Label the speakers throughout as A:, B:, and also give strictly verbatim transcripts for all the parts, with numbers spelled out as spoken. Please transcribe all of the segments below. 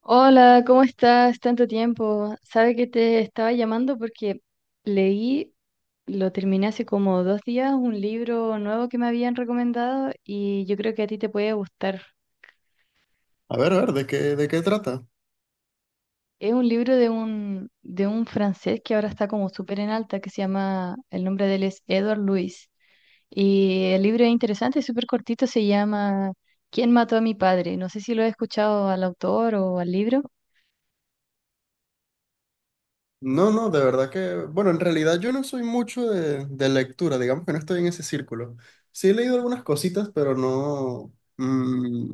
A: Hola, ¿cómo estás? Tanto tiempo. Sabe que te estaba llamando porque leí, lo terminé hace como dos días, un libro nuevo que me habían recomendado y yo creo que a ti te puede gustar.
B: A ver, a ver, ¿de qué, de qué trata?
A: Es un libro de un, de un francés que ahora está como súper en alta, que se llama, el nombre de él es Edward Louis. Y el libro es interesante, es súper cortito, se llama ¿Quién mató a mi padre? No sé si lo he escuchado al autor o al libro.
B: No, no, de verdad que, bueno, en realidad yo no soy mucho de, de lectura, digamos que no estoy en ese círculo. Sí he leído algunas cositas, pero no, mm,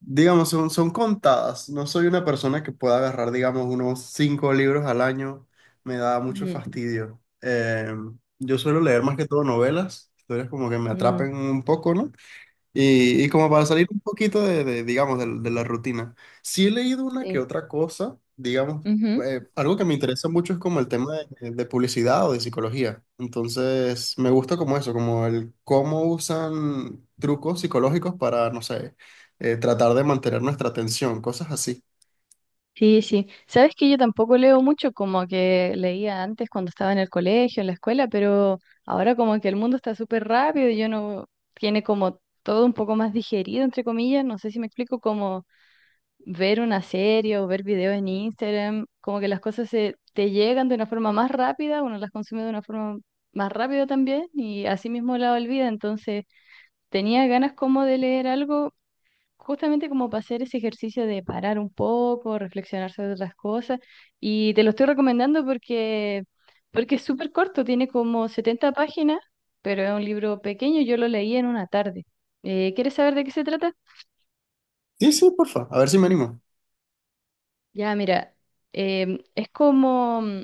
B: digamos, son, son contadas. No soy una persona que pueda agarrar, digamos, unos cinco libros al año. Me da mucho fastidio. Eh, yo suelo leer más que todo novelas, historias como que me
A: Mm,
B: atrapen un poco, ¿no? Y, y como para salir un poquito de, de, digamos, de, de la rutina, sí he leído una que
A: sí.
B: otra cosa, digamos,
A: Ujú.
B: eh, algo que me interesa mucho es como el tema de, de publicidad o de psicología. Entonces, me gusta como eso, como el cómo usan trucos psicológicos para, no sé, eh, tratar de mantener nuestra atención, cosas así.
A: Sí, sí. Sabes que yo tampoco leo mucho como que leía antes cuando estaba en el colegio, en la escuela, pero ahora como que el mundo está súper rápido y yo no tiene como todo un poco más digerido, entre comillas. No sé si me explico, como ver una serie o ver videos en Instagram, como que las cosas se te llegan de una forma más rápida, uno las consume de una forma más rápida también y así mismo la olvida. Entonces tenía ganas como de leer algo justamente como para hacer ese ejercicio de parar un poco, reflexionar sobre otras cosas. Y te lo estoy recomendando porque, porque es súper corto, tiene como setenta páginas, pero es un libro pequeño, yo lo leí en una tarde. Eh, ¿quieres saber de qué se trata?
B: Sí, sí, porfa, a ver si me animo.
A: Ya, mira, em, es como mm,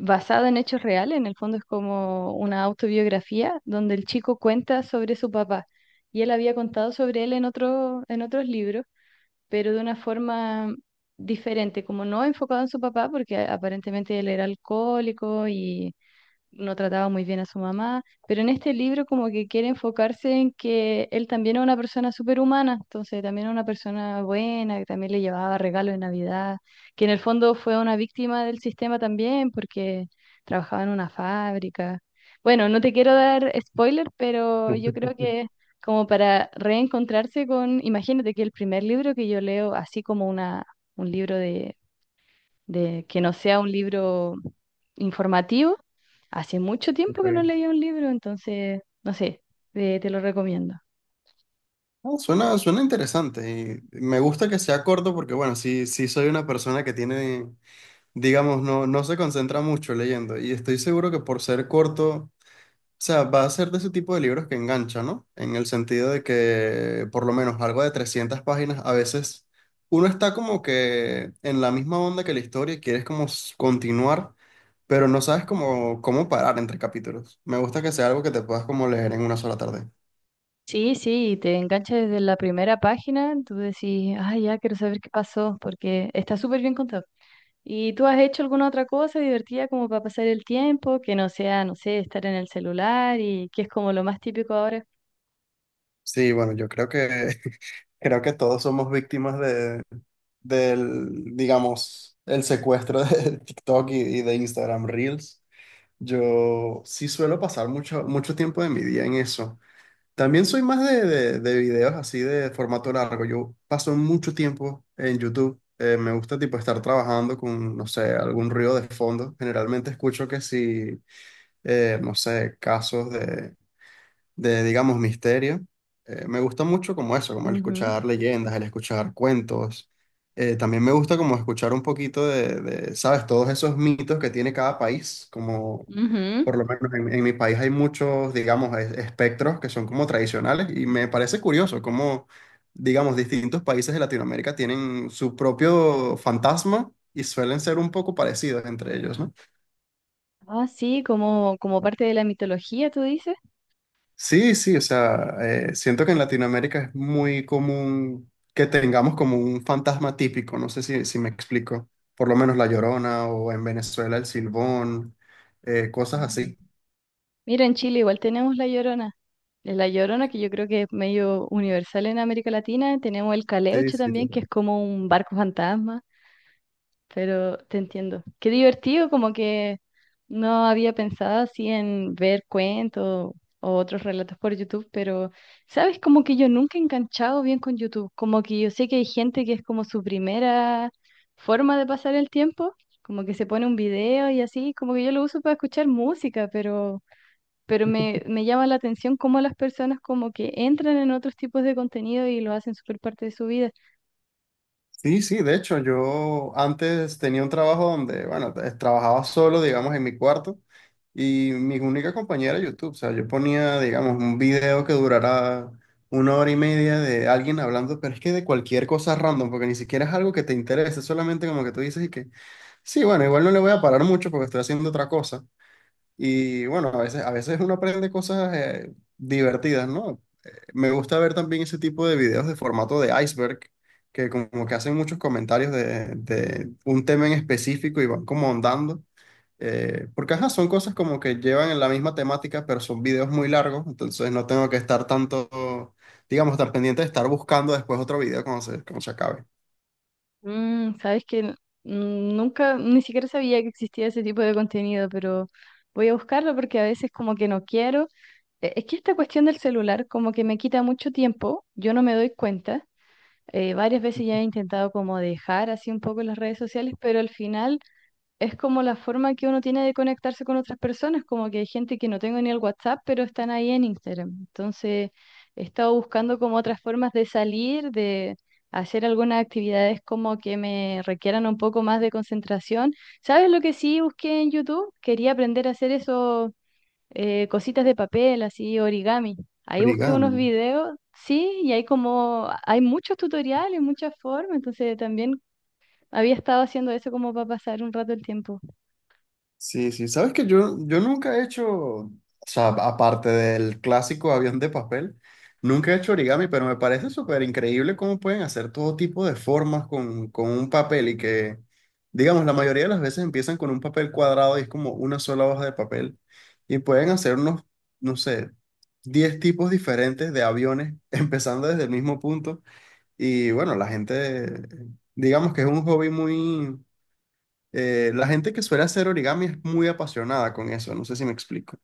A: basado en hechos reales, en el fondo es como una autobiografía donde el chico cuenta sobre su papá. Y él había contado sobre él en otro, en otros libros, pero de una forma diferente, como no enfocado en su papá, porque aparentemente él era alcohólico y no trataba muy bien a su mamá, pero en este libro como que quiere enfocarse en que él también es una persona superhumana, entonces también es una persona buena, que también le llevaba regalos de Navidad, que en el fondo fue una víctima del sistema también porque trabajaba en una fábrica. Bueno, no te quiero dar spoiler, pero yo creo que como para reencontrarse con, imagínate que el primer libro que yo leo, así como una, un libro de, de que no sea un libro informativo. Hace mucho tiempo que no
B: Ok.
A: leía un libro, entonces, no sé, eh, te lo recomiendo.
B: No, suena, suena interesante y me gusta que sea corto porque, bueno, sí, sí soy una persona que tiene digamos, no, no se concentra mucho leyendo. Y estoy seguro que por ser corto, o sea, va a ser de ese tipo de libros que engancha, ¿no? En el sentido de que por lo menos algo de trescientas páginas, a veces uno está como que en la misma onda que la historia y quieres como s- continuar, pero no sabes
A: Mm.
B: cómo, cómo parar entre capítulos. Me gusta que sea algo que te puedas como leer en una sola tarde.
A: Sí, sí, te engancha desde la primera página, tú decís, ah, ya quiero saber qué pasó, porque está súper bien contado. ¿Y tú has hecho alguna otra cosa divertida como para pasar el tiempo, que no sea, no sé, estar en el celular y que es como lo más típico ahora?
B: Sí, bueno, yo creo que creo que todos somos víctimas del, digamos, el secuestro de TikTok y, y de Instagram Reels. Yo sí suelo pasar mucho, mucho tiempo de mi día en eso. También soy más de, de- de videos así de formato largo. Yo paso mucho tiempo en YouTube. Eh, me gusta tipo estar trabajando con, no sé, algún ruido de fondo. Generalmente escucho que si, eh, no sé, casos de de, digamos, misterio. Eh, me gusta mucho como eso, como el
A: Ujú.
B: escuchar leyendas, el escuchar cuentos. Eh, también me gusta como escuchar un poquito de, de, ¿sabes? Todos esos mitos que tiene cada país, como
A: Ujú.
B: por lo menos en, en mi país hay muchos, digamos, es- espectros que son como tradicionales y me parece curioso cómo, digamos, distintos países de Latinoamérica tienen su propio fantasma y suelen ser un poco parecidos entre ellos, ¿no?
A: Ah, sí, como, como parte de la mitología, tú dices.
B: Sí, sí, o sea, eh, siento que en Latinoamérica es muy común que tengamos como un fantasma típico, no sé si, si me explico, por lo menos La Llorona o en Venezuela el Silbón, eh, cosas
A: Ujú.
B: así.
A: Mira, en Chile igual tenemos la Llorona. Es La Llorona, que yo creo que es medio universal en América Latina. Tenemos el
B: Sí,
A: Caleuche
B: sí,
A: también, que
B: total.
A: es como un barco fantasma. Pero te entiendo. Qué divertido, como que no había pensado así en ver cuentos o otros relatos por YouTube, pero sabes, como que yo nunca he enganchado bien con YouTube, como que yo sé que hay gente que es como su primera forma de pasar el tiempo, como que se pone un video y así, como que yo lo uso para escuchar música, pero... Pero me, me llama la atención cómo las personas como que entran en otros tipos de contenido y lo hacen súper parte de su vida.
B: Sí, sí, de hecho, yo antes tenía un trabajo donde, bueno, eh, trabajaba solo, digamos, en mi cuarto y mi única compañera era YouTube. O sea, yo ponía, digamos, un video que durara una hora y media de alguien hablando, pero es que de cualquier cosa random, porque ni siquiera es algo que te interese, solamente como que tú dices y que, sí, bueno, igual no le voy a parar mucho porque estoy haciendo otra cosa. Y bueno, a veces, a veces uno aprende cosas eh, divertidas, ¿no? Eh, Me gusta ver también ese tipo de videos de formato de iceberg, que como que hacen muchos comentarios de, de un tema en específico y van como ahondando. eh, porque ajá, son cosas como que llevan en la misma temática, pero son videos muy largos, entonces no tengo que estar tanto, digamos, tan pendiente de estar buscando después otro video cuando se, cuando se acabe.
A: Mm, sabes que n- mm, nunca, ni siquiera sabía que existía ese tipo de contenido, pero voy a buscarlo porque a veces como que no quiero. Eh, Es que esta cuestión del celular como que me quita mucho tiempo, yo no me doy cuenta. Eh, varias veces ya he intentado como dejar así un poco las redes sociales, pero al final es como la forma que uno tiene de conectarse con otras personas, como que hay gente que no tengo ni el WhatsApp, pero están ahí en Instagram. Entonces, he estado buscando como otras formas de salir, de hacer algunas actividades como que me requieran un poco más de concentración. ¿Sabes lo que sí busqué en YouTube? Quería aprender a hacer eso, eh, cositas de papel, así origami. Ahí busqué unos
B: Origami.
A: videos, sí, y hay como, hay muchos tutoriales, muchas formas, entonces también había estado haciendo eso como para pasar un rato el tiempo.
B: Sí, sí, sabes que yo, yo nunca he hecho, o sea, aparte del clásico avión de papel, nunca he hecho origami, pero me parece súper increíble cómo pueden hacer todo tipo de formas con, con un papel y que, digamos, la mayoría de las veces empiezan con un papel cuadrado y es como una sola hoja de papel y pueden hacer unos, no sé, diez tipos diferentes de aviones empezando desde el mismo punto y bueno, la gente, digamos que es un hobby muy eh, la gente que suele hacer origami es muy apasionada con eso, no sé si me explico.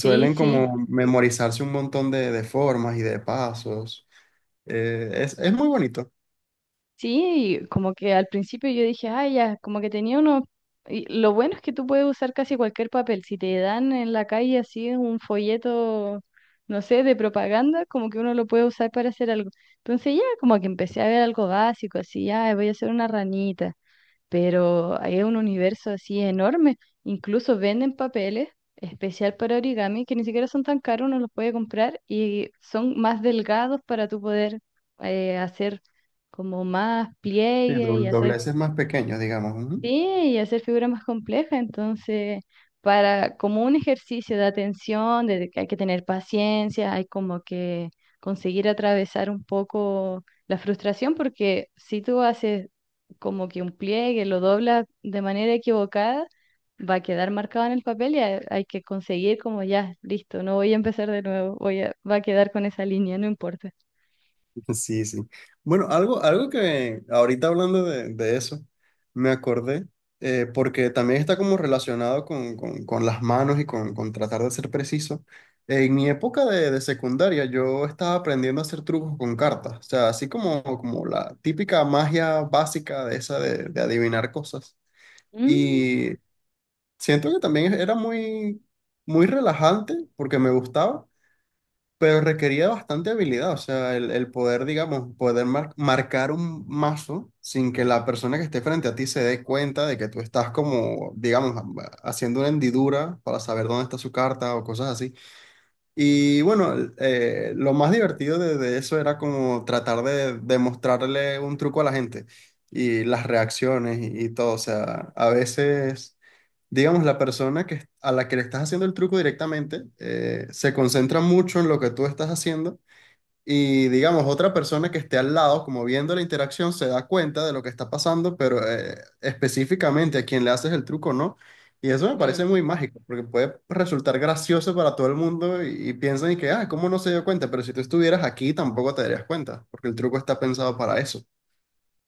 A: Sí, sí,
B: como memorizarse un montón de, de formas y de pasos. Eh, es, es muy bonito.
A: sí, y como que al principio yo dije, ay ya, como que tenía uno, y lo bueno es que tú puedes usar casi cualquier papel, si te dan en la calle así un folleto, no sé, de propaganda, como que uno lo puede usar para hacer algo. Entonces ya, como que empecé a ver algo básico, así, ah, voy a hacer una ranita, pero hay un universo así enorme. Incluso venden papeles especial para origami que ni siquiera son tan caros, uno los puede comprar y son más delgados para tú poder eh, hacer como más
B: Sí,
A: pliegue y
B: doble-
A: hacer...
B: dobleces más pequeños, digamos. Ujú.
A: Sí, y hacer figuras más complejas, entonces, para como un ejercicio de atención, de que hay que tener paciencia, hay como que conseguir atravesar un poco la frustración, porque si tú haces como que un pliegue, lo doblas de manera equivocada, va a quedar marcado en el papel y hay, hay que conseguir como ya, listo, no voy a empezar de nuevo, voy a, va a quedar con esa línea, no importa.
B: Sí, sí. Bueno, algo, algo que ahorita hablando de, de eso, me acordé, eh, porque también está como relacionado con, con- con las manos y con, con tratar de ser preciso. En mi época de, de secundaria, yo estaba aprendiendo a hacer trucos con cartas, o sea, así como, como la típica magia básica de esa de, de adivinar cosas.
A: Mm,
B: Y siento que también era muy, muy relajante porque me gustaba. Pero requería bastante habilidad, o sea, el, el poder, digamos, poder mar- marcar un mazo sin que la persona que esté frente a ti se dé cuenta de que tú estás como, digamos, ha- haciendo una hendidura para saber dónde está su carta o cosas así. Y bueno, el- eh, lo más divertido de, de eso era como tratar de, demostrarle un truco a la gente y las reacciones y, y todo, o sea, a veces digamos, la persona que, a la que le estás haciendo el truco directamente eh, se concentra mucho en lo que tú estás haciendo y, digamos, otra persona que esté al lado, como viendo la interacción, se da cuenta de lo que está pasando, pero eh, específicamente a quien le haces el truco no. Y eso me parece
A: ujú.
B: muy mágico, porque puede resultar gracioso para todo el mundo y, y piensan y que, ah, ¿cómo no se dio cuenta? Pero si tú estuvieras aquí, tampoco te darías cuenta, porque el truco está pensado para eso.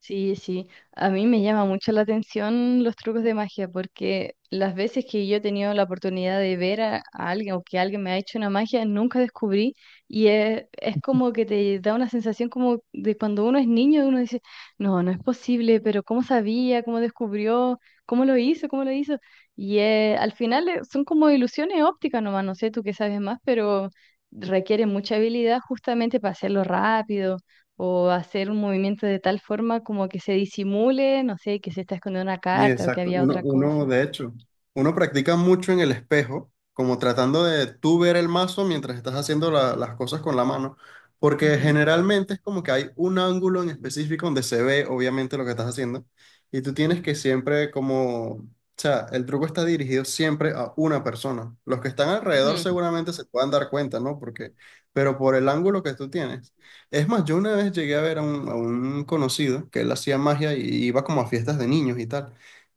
A: Sí, sí, a mí me llama mucho la atención los trucos de magia porque las veces que yo he tenido la oportunidad de ver a, a alguien o que alguien me ha hecho una magia, nunca descubrí y es, es como que te da una sensación como de cuando uno es niño, uno dice, no, no es posible, pero ¿cómo sabía? ¿Cómo descubrió? ¿Cómo lo hizo? ¿Cómo lo hizo? Y eh, al final eh, son como ilusiones ópticas nomás, no sé tú qué sabes más, pero requiere mucha habilidad justamente para hacerlo rápido o hacer un movimiento de tal forma como que se disimule, no sé, que se está escondiendo una
B: Sí,
A: carta o que
B: exacto.
A: había
B: Uno,
A: otra
B: uno,
A: cosa.
B: de hecho, uno practica mucho en el espejo, como tratando de tú ver el mazo mientras estás haciendo la- las cosas con la mano, porque
A: Ujú.
B: generalmente es como que hay un ángulo en específico donde se ve obviamente lo que estás haciendo, y tú tienes que siempre como, o sea, el truco está dirigido siempre a una persona. Los que están alrededor
A: Ujú.
B: seguramente se puedan dar cuenta, ¿no? Porque, pero por el ángulo que tú tienes. Es más, yo una vez llegué a ver a un, a un conocido que él hacía magia y iba como a fiestas de niños y tal.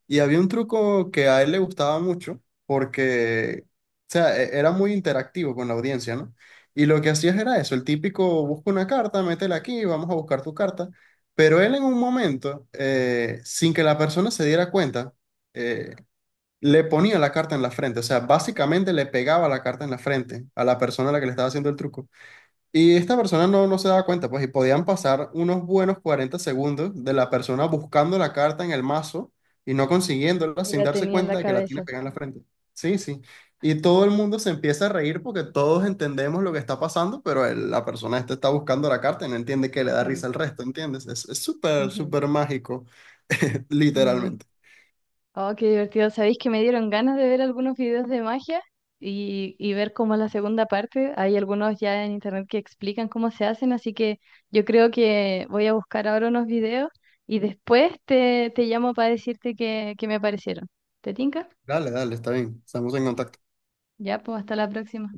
B: Y había un truco que a él le gustaba mucho porque, o sea, e- era muy interactivo con la audiencia, ¿no? Y lo que hacías era eso, el típico, busca una carta, métela aquí, vamos a buscar tu carta. Pero él en un momento, eh, sin que la persona se diera cuenta, eh, le ponía la carta en la frente, o sea, básicamente le pegaba la carta en la frente a la persona a la que le estaba haciendo el truco. Y esta persona no, no se daba cuenta, pues, y podían pasar unos buenos cuarenta segundos de la persona buscando la carta en el mazo y no consiguiéndola
A: Y
B: sin
A: la
B: darse
A: tenía en la
B: cuenta de que la tiene
A: cabeza.
B: pegada en la frente. Sí, sí. Y todo el mundo se empieza a reír porque todos entendemos lo que está pasando, pero el- la persona esta está buscando la carta y no entiende que le da
A: Ujú,
B: risa al resto, ¿entiendes? Es es súper,
A: ujú.
B: súper mágico,
A: Mm.
B: literalmente.
A: Oh, qué divertido. Sabéis que me dieron ganas de ver algunos videos de magia y, y ver cómo es la segunda parte. Hay algunos ya en internet que explican cómo se hacen, así que yo creo que voy a buscar ahora unos videos y después te, te llamo para decirte qué, qué me parecieron. ¿Te tinca?
B: Dale, dale, está bien. Estamos en contacto.
A: Ya, pues hasta la próxima.